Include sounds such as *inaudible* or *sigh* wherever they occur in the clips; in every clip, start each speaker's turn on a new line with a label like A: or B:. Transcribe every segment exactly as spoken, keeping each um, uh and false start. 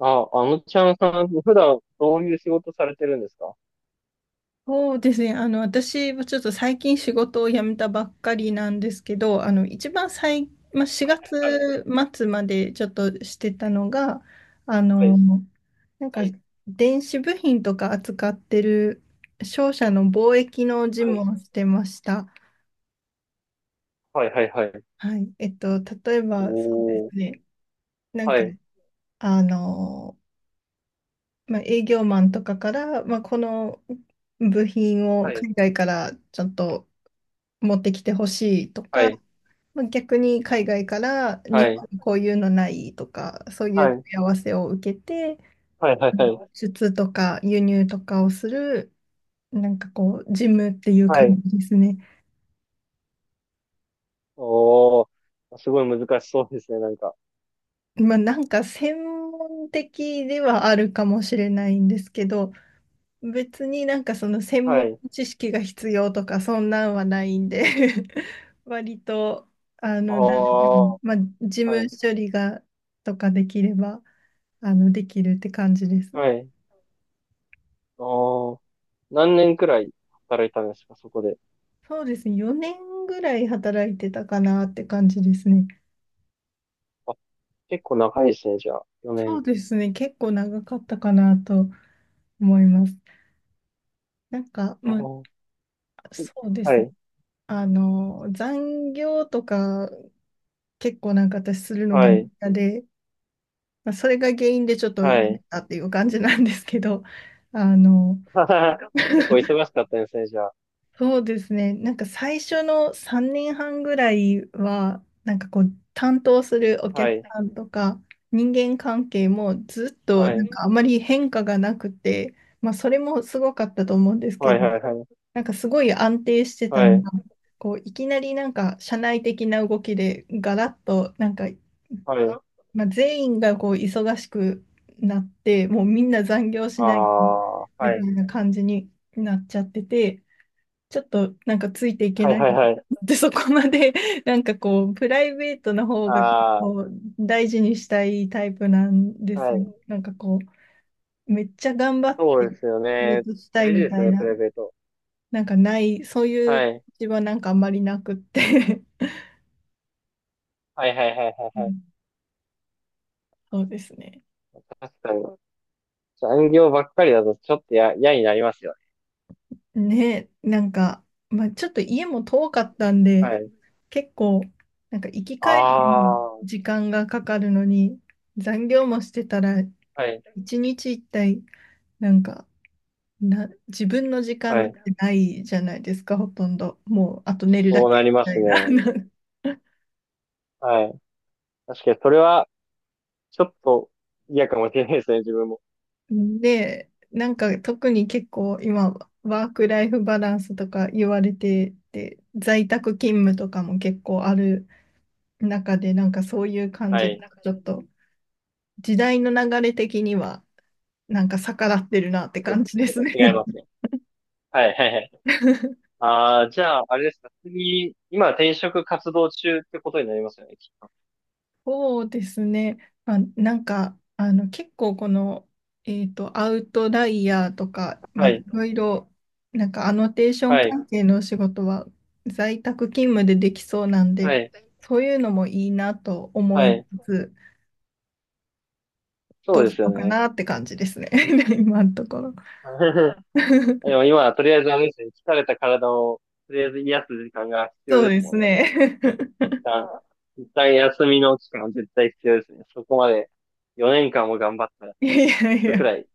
A: あ、あのちゃんさん、普段どういう仕事されてるんですか？は
B: そうですね。あの、私はちょっと最近仕事を辞めたばっかりなんですけど、あの、一番最、まあ、4
A: い、はい、
B: 月末までちょっとしてたのが、あ
A: は
B: の、
A: い、
B: なんか、電子部品とか扱ってる商社の貿易の事
A: はい、
B: 務をしてました。
A: はい、はい、はい、はい。はい。
B: はい。えっと、例えば、そうで
A: お
B: す
A: ー、
B: ね。なん
A: は
B: か、
A: い、
B: あの、まあ、営業マンとかから、まあ、この部品を
A: はい、
B: 海外からちょっと持ってきてほしいと
A: は
B: か、
A: い、
B: まあ逆に海外から
A: は
B: 日
A: い、
B: 本にこういうのないとか、そうい
A: は
B: う問
A: い、
B: い合わせを受けて、
A: はい、はい、は
B: 輸
A: い、
B: 出とか輸入とかをする、なんかこう、事務っていう
A: は
B: 感
A: い。
B: じですね。
A: おー、すごい難しそうですね、なんか。
B: まあなんか専門的ではあるかもしれないんですけど、別になんかその専
A: は
B: 門
A: い。
B: 知識が必要とかそんなんはないんで *laughs* 割とあ
A: あ
B: の、誰でも
A: あ、
B: まあ、事
A: は
B: 務
A: い、
B: 処理がとかできればあのできるって感じです。
A: はい。ああ、何年くらい働いたんですか、そこで？
B: そうですね、よねんぐらい働いてたかなって感じですね。
A: あ、結構長いですね、じゃあ、4
B: そ
A: 年。
B: うですね、結構長かったかなと思います。なんか、
A: あ
B: まあ、
A: ー、
B: そうで
A: は
B: すね、
A: い、
B: あの残業とか結構なんか私するの
A: は
B: が
A: い、
B: 嫌で。まあそれが原因でちょっとい
A: は
B: っ
A: い。
B: っていう感じなんですけど、あの、
A: *laughs* 結構忙しかったですね、じゃあ。
B: そうですね、なんか最初のさんねんはんぐらいは、なんかこう、担当するお
A: は
B: 客
A: い。
B: さんとか、人間関係もずっと
A: は
B: な
A: い。
B: ん
A: ね。
B: かあまり変化がなくて、まあ、それもすごかったと思うんですけ
A: はい、
B: ど、
A: はい、はい。
B: なんかすごい安定してた
A: は
B: の
A: い。
B: が、こういきなりなんか社内的な動きでガラッとなんか
A: はい。
B: まあ、全員がこう忙しくなって、もうみんな残業し
A: あ
B: ない
A: あ、
B: み
A: は
B: たい
A: い。
B: な感じになっちゃってて、ちょっとなんかついていけ
A: はい、
B: ない
A: はい、
B: なっ
A: はい。
B: てそこまで *laughs* なんかこう、プライベートの方が結
A: あ
B: 構大事にしたいタイプなんで
A: あ、
B: す
A: はい。
B: よ。なんかこう、めっちゃ頑張っ
A: そうで
B: て
A: すよ
B: 仕
A: ね。
B: 事したい
A: 大事
B: み
A: です
B: た
A: よ
B: い
A: ね、プ
B: な、
A: ライベート。
B: なんかない、そうい
A: は
B: う
A: い。
B: 気持ちはなんかあんまりなくって
A: はい、はい、はい、は
B: う
A: い、はい。
B: ん *laughs* そうですね。
A: 確かに。残業ばっかりだとちょっとや、嫌になりますよね。
B: ね、なんか、まあ、ちょっと家も遠かったんで、
A: はい。
B: 結構、なんか行き
A: あ
B: 帰りに
A: あ、は
B: 時間がかかるのに、残業もしてたら、
A: い。
B: 一日一体、なんか、な、自分の時間
A: は
B: なん
A: い。
B: てないじゃないですか、ほとんど。もう、あと寝るだ
A: そう
B: け
A: なり
B: み
A: ま
B: た
A: す
B: い
A: ね。
B: な。*laughs*
A: はい。確かに、それは、ちょっと嫌かもしれないですね、自分も。
B: で、なんか特に結構今、ワークライフバランスとか言われてて、在宅勤務とかも結構ある中で、なんかそういう感
A: は
B: じ
A: い。
B: だと、ちょっと時代の流れ的にはなんか逆らってるなっ
A: ちょ
B: て
A: っと、ち
B: 感じです
A: ょっ
B: ね。
A: と違いますね。はい、はい、はい。
B: *laughs*
A: ああ、じゃあ、あれですか。次、今転職活動中ってことになりますよね、きっと。
B: そうですね。まあ、なんか、あの、結構この、えっと、アウトライヤーとか、ま
A: は
B: あ、い
A: い。
B: ろいろ、なんかアノテーション
A: はい。
B: 関係のお仕事は在宅勤務でできそうなんで、
A: はい。
B: そういうのもいいなと思
A: は
B: い
A: い。
B: つつ、ど
A: そう
B: う
A: で
B: しよ
A: すよ
B: うか
A: ね。
B: なって感じですね。*laughs* 今のところ。
A: *laughs* で
B: *laughs*
A: も今、とりあえずあれですね。疲れた体を、とりあえず癒す時間が必要
B: そ
A: で
B: うで
A: すも
B: す
A: んね。
B: ね。
A: 一旦、一旦休みの期間は絶対必要ですね。そこまでよねんかんも頑張ったら、
B: *laughs* いやいやい
A: それく
B: や。
A: らい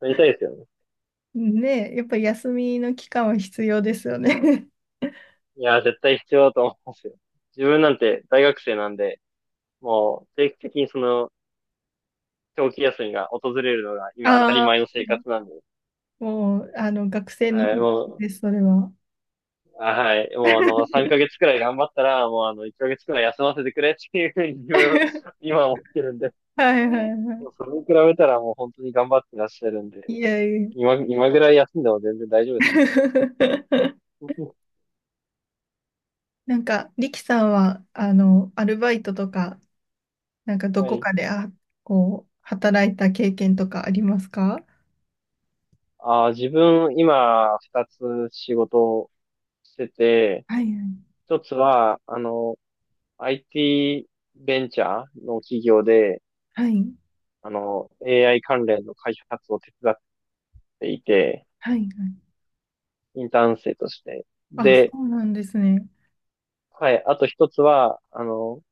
A: 取りたいですよね。
B: ねえ、やっぱり休みの期間は必要ですよね。
A: いやー、絶対必要だと思いますよ。自分なんて大学生なんで、もう定期的にその長期休みが訪れるのが今当たり
B: ああ、
A: 前の生
B: *laughs*
A: 活なんで。
B: もう、あの、学生の
A: はい、
B: 時
A: もう、
B: です、それは。
A: あ、はい、もうあの、さんかげつくらい頑張ったら、もうあの、いっかげつくらい休ませてくれっていうふうに *laughs*
B: *laughs*
A: 今思ってるんで、
B: はいはいは
A: もうそれに比べたらもう本当に頑張ってらっしゃるんで、
B: い。いやいや。
A: 今、今ぐらい休んでも全然大丈夫です
B: *laughs*
A: ね。*laughs*
B: なんか、リキさんは、あの、アルバイトとか、なんかど
A: は
B: こ
A: い。
B: かで、あ、こう、働いた経験とかありますか？
A: あー、自分、今、二つ仕事をしてて、
B: はいはい
A: 一つは、あの、アイティー ベンチャーの企業で、
B: はい
A: あの、エーアイ 関連の開発を手伝っていて、
B: はいはい。
A: インターン生として。
B: あ、そ
A: で、
B: うなんですね。
A: はい、あと一つは、あの、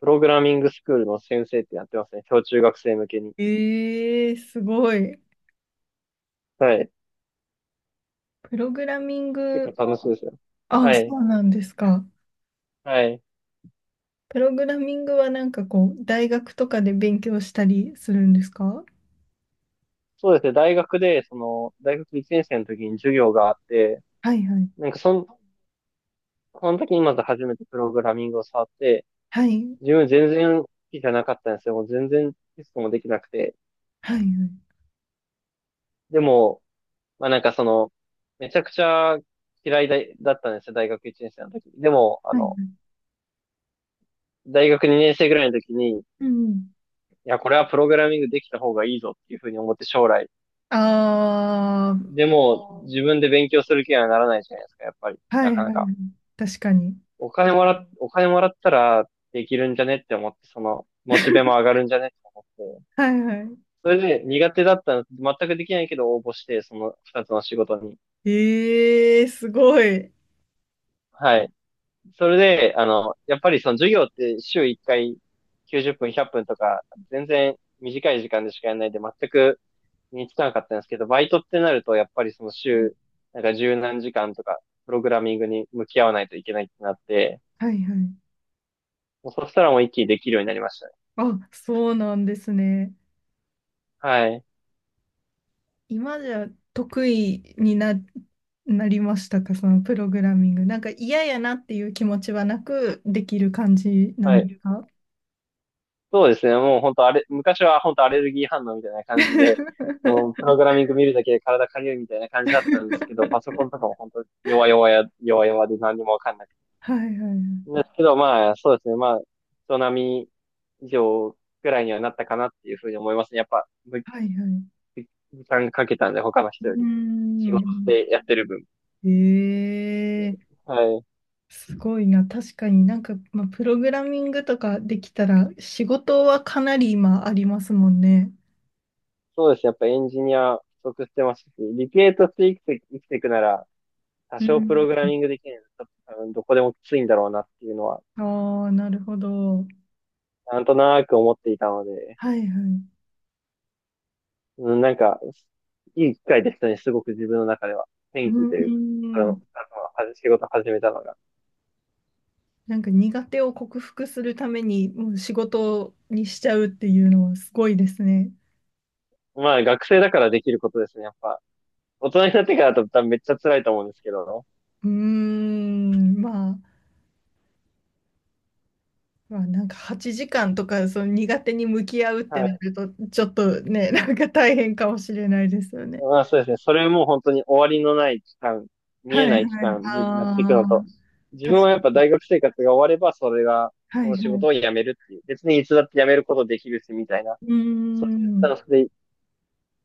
A: プログラミングスクールの先生ってやってますね。小中学生向けに。
B: ええすごい。
A: はい。
B: プログラミン
A: 結
B: グ
A: 構楽しいで
B: も、
A: すよ。
B: あ、
A: はい。
B: そうなんですか。
A: はい。
B: プログラミングはなんかこう、大学とかで勉強したりするんですか？
A: そうですね。大学で、その、大学いちねん生の時に授業があって、
B: はいはい。
A: なんかそん、その時にまず初めてプログラミングを触って、
B: はい。
A: 自分全然好きじゃなかったんですよ。もう全然テストもできなくて。
B: はいはい。
A: でも、まあなんかその、めちゃくちゃ嫌いだ、だったんですよ。大学いちねん生の時。でも、あ
B: はいは
A: の、
B: い。
A: 大学にねん生ぐらいの時に、い
B: うんうん。
A: や、これはプログラミングできた方がいいぞっていうふうに思って将来。
B: あ
A: でも、自分で勉強する気にはならないじゃないですか、やっぱり。
B: あ、は
A: な
B: いは
A: か
B: い
A: な
B: は
A: か。
B: い。確かに。
A: お金もらっ、お金もらったらできるんじゃねって思って、その、モチベも上
B: *laughs*
A: がるんじゃねって思って。
B: はいは
A: それで苦手だったの、全くできないけど応募して、その二つの仕事に。
B: い。ええすごい。
A: はい。それで、あの、やっぱりその授業って週いっかいきゅうじゅっぷん、ひゃっぷんとか、全然短い時間でしかやらないで、全くにつかなかったんですけど、バイトってなると、やっぱりその週、なんか十何時間とか、プログラミングに向き合わないといけないってなって、
B: はいはい。
A: もうそしたらもう一気にできるようになりましたね。
B: あ、そうなんですね。
A: はい。
B: 今じゃ得意にな、なりましたか、そのプログラミング？なんか嫌やなっていう気持ちはなくできる感じな
A: は
B: んです
A: い。
B: か？
A: そうですね。もう本当あれ、昔は本当アレルギー反応みたいな感じで、もう
B: *laughs*
A: プログラミング見るだけで体かゆいみたいな感じだったんですけど、パソコンとかも本当弱々や、弱々で何にもわかんなくて。
B: はいはいはい。
A: ですけど、まあ、そうですね。まあ、人並み以上くらいにはなったかなっていうふうに思いますね。やっぱ、ぶ
B: はいはい。
A: ぶ時間かけたんで、他の
B: う
A: 人より。仕
B: ー
A: 事
B: ん。
A: でやってる分。
B: ええ
A: はい。
B: すごいな。確かになんか、まあ、プログラミングとかできたら仕事はかなり今ありますもんね。
A: そうですね。やっぱエンジニア不足してますし、理系として生きて、生きていくなら、多
B: う
A: 少プロ
B: ん。
A: グラミングできないと、多分どこでもきついんだろうなっていうのは、
B: ああ、なるほど。
A: なんとなく思っていたので、
B: はいはい。
A: うん、なんか、いい機会でしたね。すごく自分の中では。
B: うー
A: 転機というか、あの、あの
B: ん。
A: は仕事始めたのが。
B: なんか苦手を克服するためにもう仕事にしちゃうっていうのはすごいですね。
A: まあ、学生だからできることですね。やっぱ、大人になってからだと多分めっちゃ辛いと思うんですけど、
B: うーん。まあ。まあ、なんかはちじかんとかその苦手に向き合うって
A: はい。
B: なるとちょっとねなんか大変かもしれないですよね。
A: まあそうですね。それも本当に終わりのない期間、見
B: はい
A: えない期
B: はい。
A: 間、じ、やっていく
B: あ
A: の
B: あ、
A: と、自
B: 確
A: 分はやっ
B: か
A: ぱ大学生活が終われば、それが、
B: に。は
A: その
B: い
A: 仕
B: はい。
A: 事を辞めるっていう。別にいつだって辞めることできるし、みたいな。
B: うー
A: そういうスタン
B: ん。
A: スで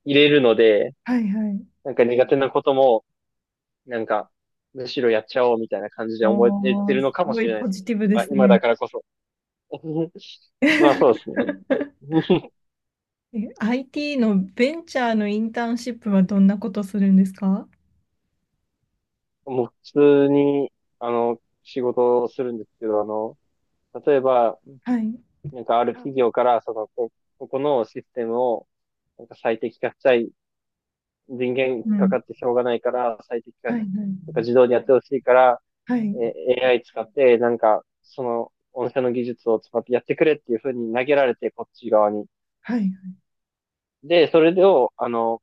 A: 入れるので、
B: はいはい。
A: なんか苦手なことも、なんか、むしろやっちゃおうみたいな感じで思えて
B: おー、
A: るの
B: す
A: かも
B: ご
A: し
B: い
A: れないで
B: ポ
A: すね。
B: ジティブで
A: 今、
B: す
A: 今だ
B: ね。
A: からこそ。*laughs*
B: *laughs*
A: まあそうですね。*laughs*
B: え アイティー のベンチャーのインターンシップはどんなことするんですか？
A: もう普通に、あの、仕事をするんですけど、あの、例えば、
B: はい。
A: なんかある企業から、その、こ、ここのシステムを、なんか最適化したい。人間
B: う
A: か
B: ん。
A: かってしょうがないから、最適化
B: は
A: し、
B: いは
A: なんか
B: い。
A: 自動でやってほしいから、
B: は
A: えー、
B: い
A: エーアイ 使って、なんか、その、御社の技術を使ってやってくれっていうふうに投げられて、こっち側に。
B: はい。
A: で、それを、あの、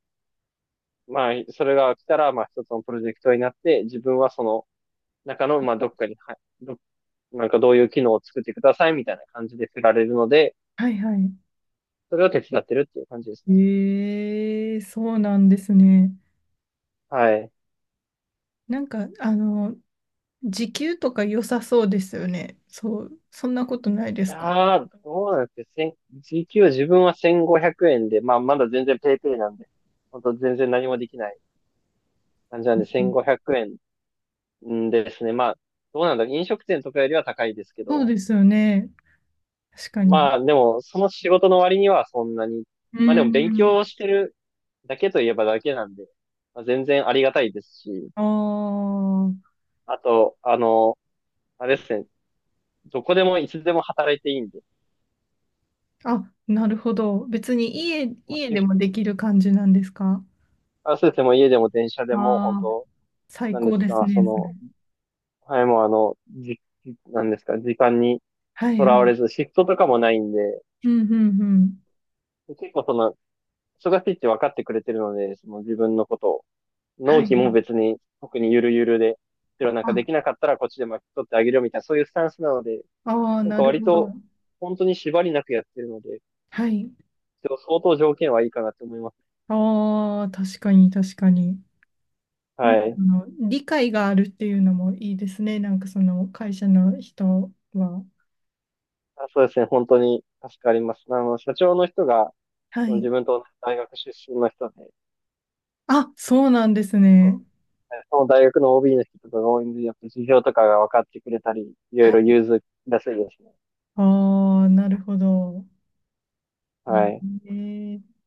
A: まあ、それが来たら、まあ、一つのプロジェクトになって、自分はその中の、まあ、どっかに、はい、ど、なんかどういう機能を作ってくださいみたいな感じで振られるので、
B: はいはい。
A: それを手伝ってるっていう感じですね。
B: ええそうなんですね。
A: はい。
B: なんか、あの、時給とか良さそうですよね。そう、そんなことないですか？
A: ああ、どうなんですか。千時給は自分はせんごひゃくえんで、まあまだ全然ペイペイなんで、本当全然何もできない感じな
B: う
A: んで
B: ん
A: せんごひゃくえんんんですね。まあ、どうなんだろう。飲食店とかよりは高いですけ
B: そう
A: ど、
B: ですよね。確かに。
A: まあでもその仕事の割にはそんなに、
B: う
A: まあでも勉
B: ん。
A: 強してるだけといえばだけなんで、まあ、全然ありがたいですし、
B: あ
A: あと、あの、あれですね、どこでもいつでも働いていいんで、
B: あ。あ、なるほど。別に家、
A: もう
B: 家
A: シ
B: で
A: フト
B: もできる感じなんですか？
A: 合わせても家でも電車でも本
B: ああー、
A: 当、
B: 最
A: なんで
B: 高
A: す
B: です
A: か、そ
B: ね。それ
A: の、はい、もうあの、じ、なんですか、時間に
B: はい
A: と
B: は
A: らわれ
B: い。
A: ず、シフトとかもないんで、
B: うんうんうん。
A: 結構その、忙しいって分かってくれてるので、その自分のことを、
B: は
A: 納
B: い。
A: 期も別に特にゆるゆるで、でもなんか
B: あ、
A: できなかったらこっちで巻き取ってあげるよみたいな、そういうスタンスなので、
B: ああ、
A: なん
B: な
A: か
B: る
A: 割
B: ほど。
A: と、本当に縛りなくやってるので、
B: はい。
A: でも相当条件はいいかなと思います。
B: ああ、確かに確かに。なん
A: は
B: か
A: い。
B: その理解があるっていうのもいいですね。なんかその会社の人は。
A: あ、そうですね、本当に助かります。あの、社長の人が、
B: は
A: その
B: い。
A: 自分と同じ大学出身の人で、
B: あ、そうなんですね。
A: ね、その大学の オービー の人とかが応援で、やっぱ事情とかが分かってくれたり、いろ
B: は
A: いろ
B: い。
A: 融通らしいですね。
B: ああ、なるほど。うん
A: はい。
B: えー